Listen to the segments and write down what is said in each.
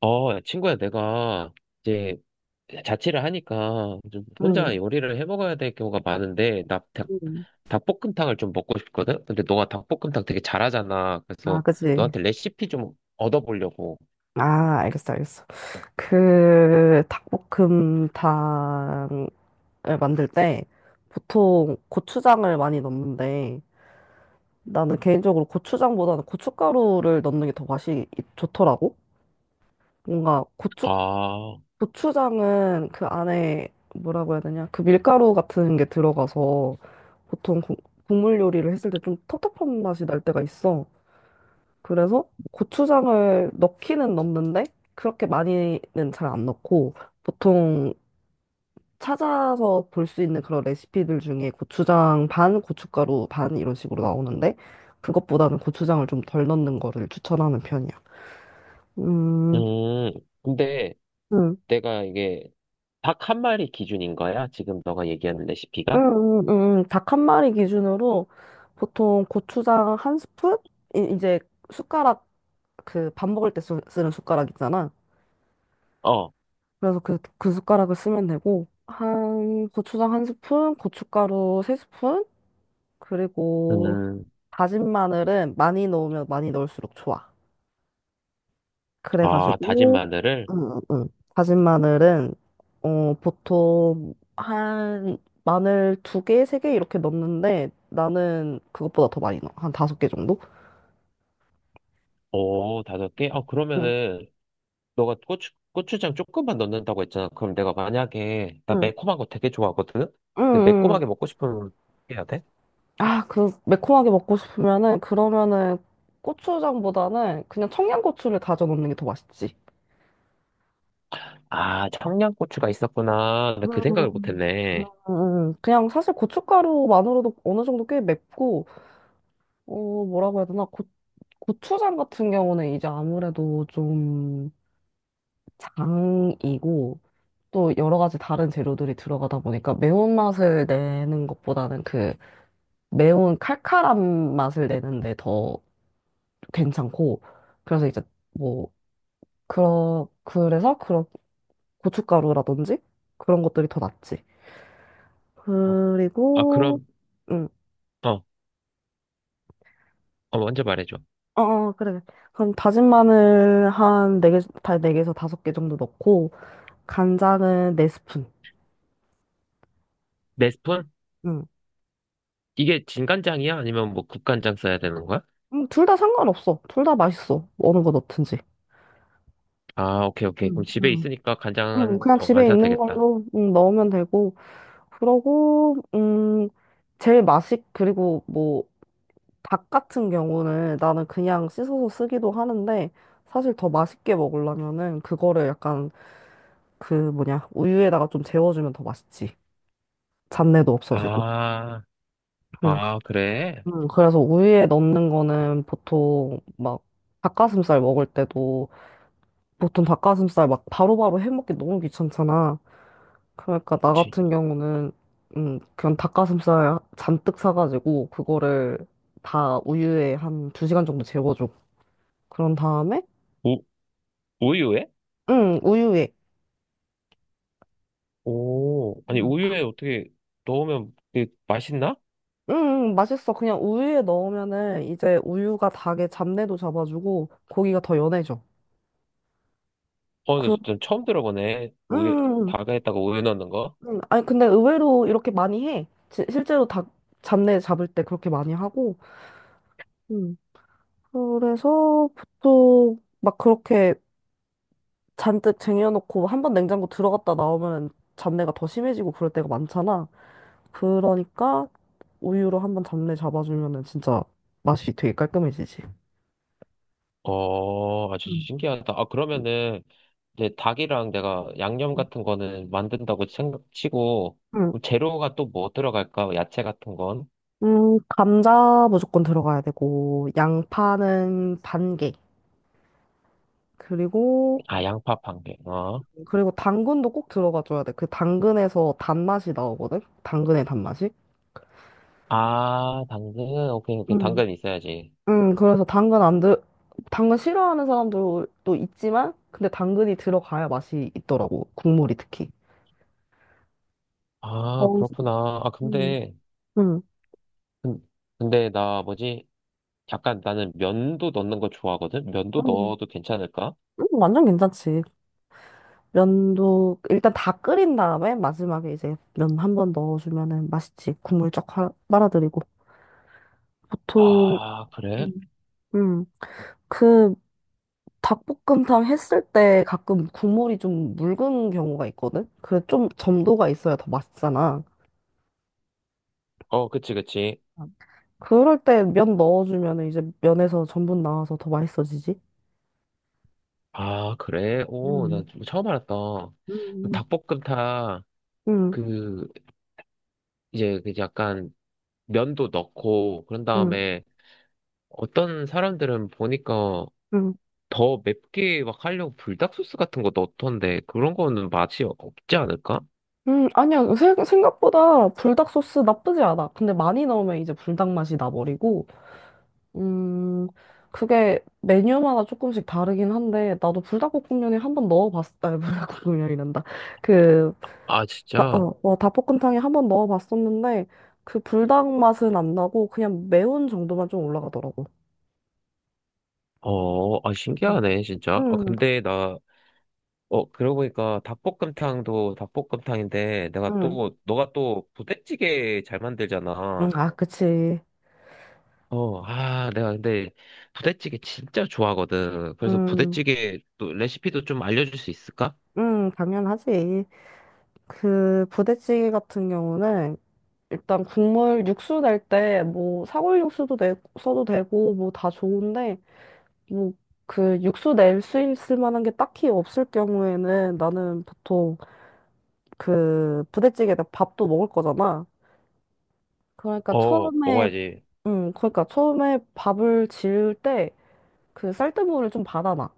야, 친구야, 내가 이제 자취를 하니까 좀 혼자 응, 요리를 해 먹어야 될 경우가 많은데, 나 닭, 응. 닭볶음탕을 좀 먹고 싶거든? 근데 너가 닭볶음탕 되게 잘하잖아. 아, 그래서 그치. 너한테 레시피 좀 얻어보려고. 아, 알겠어, 알겠어. 그, 닭볶음탕을 만들 때 보통 고추장을 많이 넣는데 나는 개인적으로 고추장보다는 고춧가루를 넣는 게 더 맛이 좋더라고. 뭔가 고추, 아, 고추장은 그 안에 뭐라고 해야 되냐. 그 밀가루 같은 게 들어가서 보통 국물 요리를 했을 때 좀 텁텁한 맛이 날 때가 있어. 그래서 고추장을 넣기는 넣는데 그렇게 많이는 잘 안 넣고 보통 찾아서 볼 수 있는 그런 레시피들 중에 고추장 반, 고춧가루 반 이런 식으로 나오는데 그것보다는 고추장을 좀 덜 넣는 거를 추천하는 편이야. 음, 음, 근데 음, 내가 이게 닭 한 마리 기준인 거야? 지금 너가 얘기하는 레시피가? 닭 한 마리 기준으로 보통 고추장 한 스푼? 이제 숟가락 그 밥 먹을 때 쓰는 숟가락 있잖아. 어, 그래서 그 숟가락을 쓰면 되고, 한, 고추장 한 스푼, 고춧가루 세 스푼, 그리고 음, 다진 마늘은 많이 넣으면 많이 넣을수록 좋아. 아, 다진 그래가지고, 마늘을? 응, 응, 응. 다진 마늘은, 어, 보통 한, 마늘 두 개, 세 개 이렇게 넣는데, 나는 그것보다 더 많이 넣어. 한 다섯 개 정도? 오, 다섯 개? 아, 응, 그러면은 너가 고추장 조금만 넣는다고 했잖아. 그럼 내가 만약에, 나 응, 매콤한 거 되게 좋아하거든? 응, 근데 응. 매콤하게 먹고 싶으면 어떻게 해야 돼? 아, 그, 매콤하게 먹고 싶으면은, 그러면은, 고추장보다는 그냥 청양고추를 다져 넣는 게 더 맛있지. 아, 청양고추가 있었구나. 나 그 음, 생각을 음, 못했네. 그냥 사실 고춧가루만으로도 어느 정도 꽤 맵고, 어, 뭐라고 해야 되나, 고, 고추장 같은 경우는 이제 아무래도 좀 장이고, 또 여러 가지 다른 재료들이 들어가다 보니까 매운맛을 내는 것보다는 그 매운 칼칼한 맛을 내는데 더 괜찮고, 그래서 이제 뭐, 그래서 그런 고춧가루라든지 그런 것들이 더 낫지. 어, 아, 아, 그리고, 그럼, 음. 어, 먼저 말해줘. 어, 어, 그래. 그럼 다진 마늘 한 4개, 다 네 개에서 다섯 개에서 5개 정도 넣고, 간장은 4스푼. 네 스푼? 응. 이게 진간장이야? 아니면 뭐 국간장 써야 되는 거야? 둘다 상관없어. 둘 다 맛있어. 어느 거 넣든지. 아, 오케이, 오케이. 그럼 응, 집에 응, 있으니까 응, 간장은, 그냥 안 집에 사도 있는 되겠다. 걸로 응, 넣으면 되고. 그러고, 제일 맛있, 그리고 뭐, 닭 같은 경우는 나는 그냥 씻어서 쓰기도 하는데, 사실 더 맛있게 먹으려면은, 그거를 약간, 그 뭐냐, 우유에다가 좀 재워주면 더 맛있지. 잡내도 없어지고. 아, 응. 아, 그래? 응, 그래서 우유에 넣는 거는 보통 막 닭가슴살 먹을 때도 보통 닭가슴살 막 바로바로 해먹기 너무 귀찮잖아. 그러니까 나 지- 같은 경우는 그냥 닭가슴살 잔뜩 사가지고 그거를 다 우유에 한 두 시간 정도 재워줘. 그런 다음에 우, 우유에? 응, 우유에 오, 아니, 응 우유에 어떻게 넣으면 그게 맛있나? 응, 맛있어. 그냥 우유에 넣으면은 이제 우유가 닭의 잡내도 잡아주고 고기가 더 연해져. 어, 나 그, 진짜 처음 들어보네. 우유, 음, 닭에다가 우유 넣는 거? 아니, 근데 의외로 이렇게 많이 해. 실제로 닭 잡내 잡을 때 그렇게 많이 하고. 음. 그래서 보통 막 그렇게 잔뜩 쟁여놓고 한 번 냉장고 들어갔다 나오면 잡내가 더 심해지고 그럴 때가 많잖아. 그러니까 우유로 한 번 잡내 잡아주면은 진짜 맛이 되게 깔끔해지지. 어, 아주 음. 신기하다. 아, 그러면은, 이제 닭이랑 내가 양념 같은 거는 만든다고 생각 치고, 음, 그럼 재료가 또 뭐 들어갈까? 야채 같은 건? 감자 무조건 들어가야 되고, 양파는 반 개. 그리고 아, 양파 한 개. 그리고 당근도 꼭 들어가줘야 돼. 그 당근에서 단맛이 나오거든? 당근의 단맛이. 아, 당근. 오케이, 오케이. 음. 당근 있어야지. 그래서 당근 안 들, 당근 싫어하는 사람들도 있지만, 근데 당근이 들어가야 맛이 있더라고. 국물이 특히. 아, 어, 그렇구나. 아, 음. 근데, 음, 근- 근데 나 뭐지? 약간 나는 면도 넣는 거 좋아하거든? 면도 음. 넣어도 괜찮을까? 완전 괜찮지. 면도, 일단 다 끓인 다음에 마지막에 이제 면 한 번 넣어주면은 맛있지. 국물 쫙 빨아들이고. 보통, 아, 그래? 음. 음, 그 닭볶음탕 했을 때 가끔 국물이 좀 묽은 경우가 있거든? 그래, 좀 점도가 있어야 더 맛있잖아. 어, 그치, 그치. 그럴 때 면 넣어주면 이제 면에서 전분 나와서 더 맛있어지지? 아, 그래? 오, 나 음, 뭐 처음 알았다. 그 음, 닭볶음탕, 응, 그, 이제, 그 약간, 면도 넣고, 그런 응, 다음에, 어떤 사람들은 보니까 응. 더 맵게 막 하려고 불닭소스 같은 거 넣던데, 그런 거는 맛이 없지 않을까? 아니야. 생각보다 불닭 소스 나쁘지 않아. 근데 많이 넣으면 이제 불닭 맛이 나버리고, 음, 그게 메뉴마다 조금씩 다르긴 한데, 나도 불닭볶음면에 한번 넣어봤, 아, 불닭볶음면이란다. 그 아, 진짜? 어, 어, 닭볶음탕에 한 번 넣어봤었는데 그 불닭 맛은 안 나고 그냥 매운 정도만 좀 올라가더라고. 아, 음, 신기하네, 진짜. 아, 음, 근데 나, 그러고 보니까 닭볶음탕도 닭볶음탕인데, 내가 음, 또, 너가 또 부대찌개 잘 만들잖아. 아, 그치. 아, 내가 근데 부대찌개 진짜 좋아하거든. 그래서 음, 부대찌개 또 레시피도 좀 알려줄 수 있을까? 당연하지. 그 부대찌개 같은 경우는 일단 국물 육수 낼 때 뭐 사골 육수도 내, 써도 되고 뭐 다 좋은데 뭐 그 육수 낼 수 있을 만한 게 딱히 없을 경우에는 나는 보통 그 부대찌개에다 밥도 먹을 거잖아. 그러니까 어, 처음에 먹어야지. 그러니까 처음에 밥을 지을 때 그 쌀뜨물을 좀 받아놔.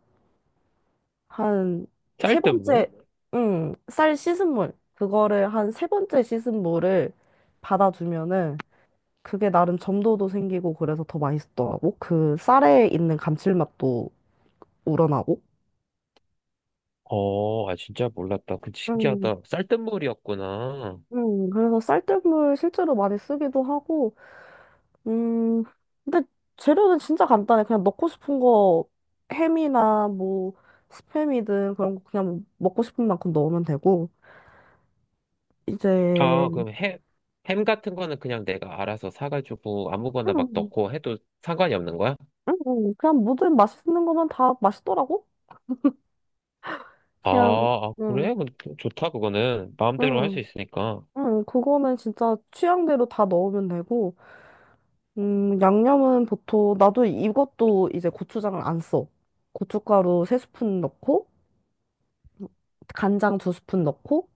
한 세 쌀뜨물? 번째, 쌀 씻은 물. 그거를 한 세 번째 씻은 물을 받아두면은 그게 나름 점도도 생기고 그래서 더 맛있더라고. 그 쌀에 있는 감칠맛도 우러나고. 아, 진짜 몰랐다. 그 음, 신기하다. 쌀뜨물이었구나. 그래서 쌀뜨물 실제로 많이 쓰기도 하고 음, 근데 재료는 진짜 간단해. 그냥 넣고 싶은 거 햄이나 뭐 스팸이든 그런 거 그냥 먹고 싶은 만큼 넣으면 되고 아, 이제 그럼 햄 같은 거는 그냥 내가 알아서 사가지고 아무거나 막 음, 넣고 해도 상관이 없는 거야? 그냥 모든 맛있는 거면 다 맛있더라고. 아, 그냥 아, 음, 그래? 근데 좋다, 그거는. 마음대로 할 수 음, 있으니까. 그거는 진짜 취향대로 다 넣으면 되고 양념은 보통 나도 이것도 이제 고추장을 안 써. 고춧가루 세 스푼 넣고 간장 두 스푼 넣고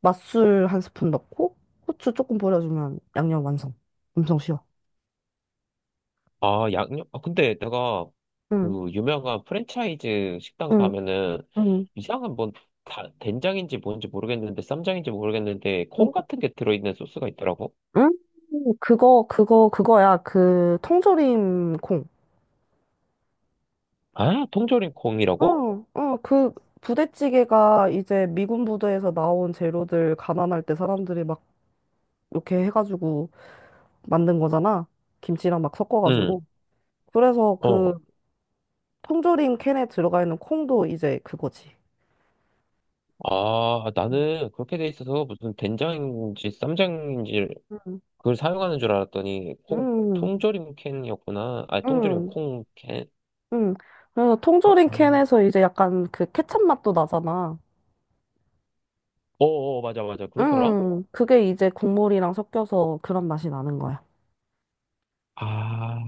맛술 한 스푼 넣고 후추 조금 뿌려주면 양념 완성. 엄청 쉬워. 아, 양념? 아, 근데 내가 응, 그 유명한 프랜차이즈 식당 응, 가면은 응, 이상한 뭔 된장인지 뭔지 모르겠는데 쌈장인지 모르겠는데 응. 콩 같은 게 들어있는 소스가 있더라고. 응? 그거야. 그, 통조림 콩. 아, 통조림 콩이라고? 응, 응, 그 부대찌개가 이제 미군 부대에서 나온 재료들 가난할 때 사람들이 막 이렇게 해가지고 만든 거잖아. 김치랑 막 응, 섞어가지고. 그래서 어. 그 통조림 캔에 들어가 있는 콩도 이제 그거지. 아, 나는 그렇게 돼 있어서 무슨 된장인지 쌈장인지 응, 그걸 사용하는 줄 알았더니 콩, 응, 통조림 캔이었구나. 아, 통조림 응. 콩 캔? 응. 그래서 어, 통조림 어, 캔에서 이제 약간 그 케첩 맛도 나잖아. 어, 어, 맞아, 맞아. 그렇더라? 응. 그게 이제 국물이랑 섞여서 그런 맛이 나는 거야. 아,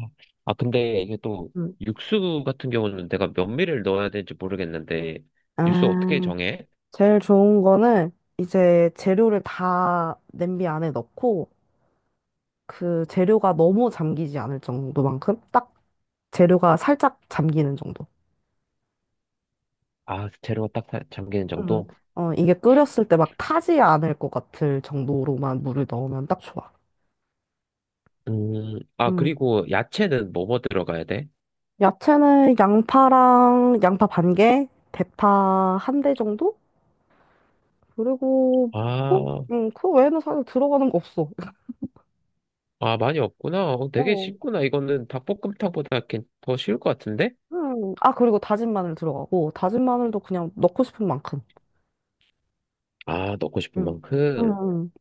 아, 근데 이게 또 응. 육수 같은 경우는 내가 몇 밀을 넣어야 될지 모르겠는데, 육수 어떻게 아, 정해? 제일 좋은 거는 이제 재료를 다 냄비 안에 넣고 그 재료가 너무 잠기지 않을 정도만큼 딱 재료가 살짝 잠기는 정도. 아, 재료가 딱 잠기는 응. 정도? 어, 이게 끓였을 때 막 타지 않을 것 같을 정도로만 물을 넣으면 딱 좋아. 아, 그리고 야채는 뭐뭐 들어가야 돼? 야채는 양파랑 양파 반 개, 대파 한 대 정도? 그리고 그, 아, 그 외에는 사실 들어가는 거 없어. 아, 많이 없구나. 어, 되게 어. 쉽구나. 이거는 닭볶음탕보다 이더 쉬울 것 같은데? 음. 아, 그리고 다진 마늘 들어가고, 다진 마늘도 그냥 넣고 싶은 만큼. 아, 넣고 싶은 음. 음. 만큼. 음.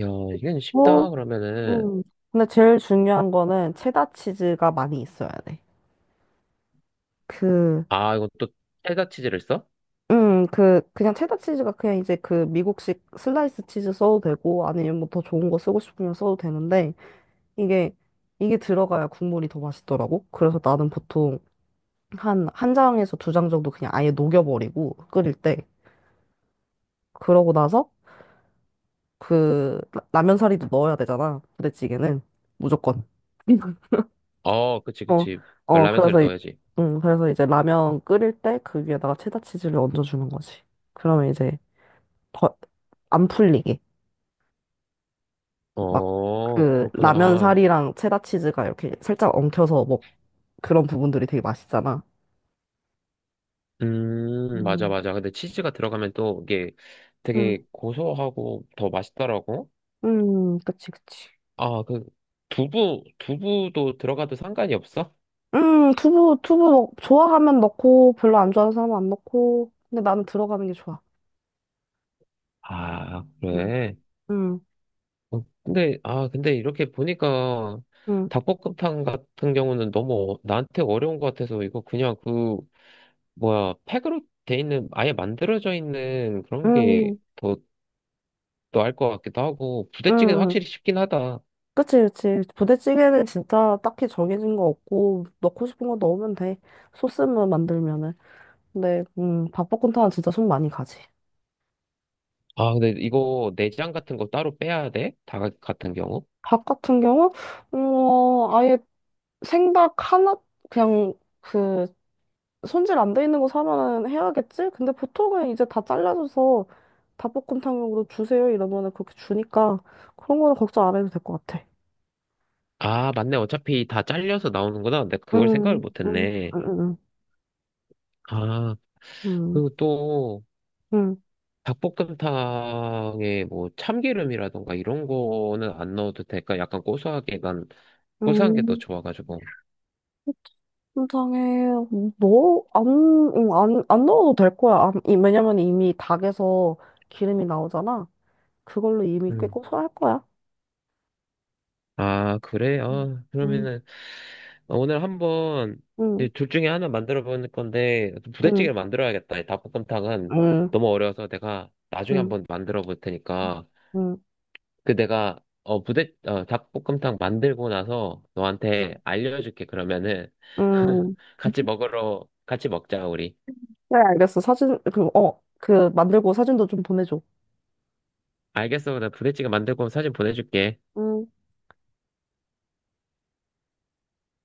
야, 이건 뭐, 쉽다. 그러면은, 음. 근데 제일 중요한 거는 체다 치즈가 많이 있어야 돼. 그, 아, 이건 또 체다치즈를 써? 그, 그냥 체다 치즈가 그냥 이제 그 미국식 슬라이스 치즈 써도 되고, 아니면 뭐 더 좋은 거 쓰고 싶으면 써도 되는데, 이게, 이게 들어가야 국물이 더 맛있더라고. 그래서 나는 보통 한, 한 장에서 두 장 정도 그냥 아예 녹여버리고 끓일 때. 그러고 나서 그 라면 사리도 넣어야 되잖아. 부대찌개는. 무조건. 어, 그치, 어, 그치. 어, 라면 사리 그래서, 이- 넣어야지. 그래서 이제 라면 끓일 때 그 위에다가 체다 치즈를 얹어주는 거지. 그러면 이제 더 안 풀리게. 막 어, 그 라면 그렇구나. 사리랑 체다 치즈가 이렇게 살짝 엉켜서 뭐 그런 부분들이 되게 맛있잖아. 맞아, 음. 맞아. 근데 치즈가 들어가면 또 이게 되게 음. 고소하고 더 맛있더라고. 그치, 그치. 아, 그, 두부도 들어가도 상관이 없어? 두부 좋아하면 넣고, 별로 안 좋아하는 사람은 안 넣고. 근데 나는 들어가는 게 좋아. 아, 음, 그래. 음, 근데, 아, 근데 이렇게 보니까 음, 닭볶음탕 같은 경우는 너무 나한테 어려운 것 같아서 이거 그냥 그, 뭐야, 팩으로 돼 있는, 아예 만들어져 있는 그런 게 음, 더 나을 것 같기도 하고, 음. 부대찌개는 확실히 음. 쉽긴 하다. 그치, 그치. 부대찌개는 진짜 딱히 정해진 거 없고, 넣고 싶은 거 넣으면 돼. 소스만 만들면은. 근데, 밥볶음탕은 진짜 손 많이 가지. 아, 근데 이거 내장 같은 거 따로 빼야 돼? 닭 같은 경우? 밥 같은 경우, 어, 아예 생닭 하나, 그냥, 그, 손질 안 돼 있는 거 사면은 해야겠지? 근데 보통은 이제 다 잘라줘서 닭볶음탕용으로 주세요 이러면은 그렇게 주니까 그런 거는 걱정 안 해도 될 것 같아. 아, 맞네. 어차피 다 잘려서 나오는구나. 내가 그걸 생각을 응, 응, 못했네. 응, 아, 응, 그리고 또 응, 닭볶음탕에 뭐 참기름이라던가 이런 거는 안 넣어도 될까? 약간 고소하게 난 고소한 게 더 응. 좋아가지고. 통장에 넣어 안, 응, 안 넣어도 될 거야. 안, 왜냐면 이미 닭에서 기름이 나오잖아. 그걸로 이미 꽤 음. 고소할 거야. 아, 그래? 아, 응, 그러면은 오늘 한번 이제 응, 둘 중에 하나 만들어 보는 건데 응, 부대찌개를 만들어야겠다. 이 닭볶음탕은 응, 너무 어려워서 내가 나중에 응, 한번 만들어 볼 테니까. 응, 그 내가 어 부대 어 닭볶음탕 만들고 나서 너한테 알려줄게, 그러면은 응. 같이 먹자, 우리. 그래, 알겠어. 사진, 그, 어, 그, 만들고 사진도 좀 보내줘. 알겠어, 나 부대찌개 만들고 사진 보내줄게. 음.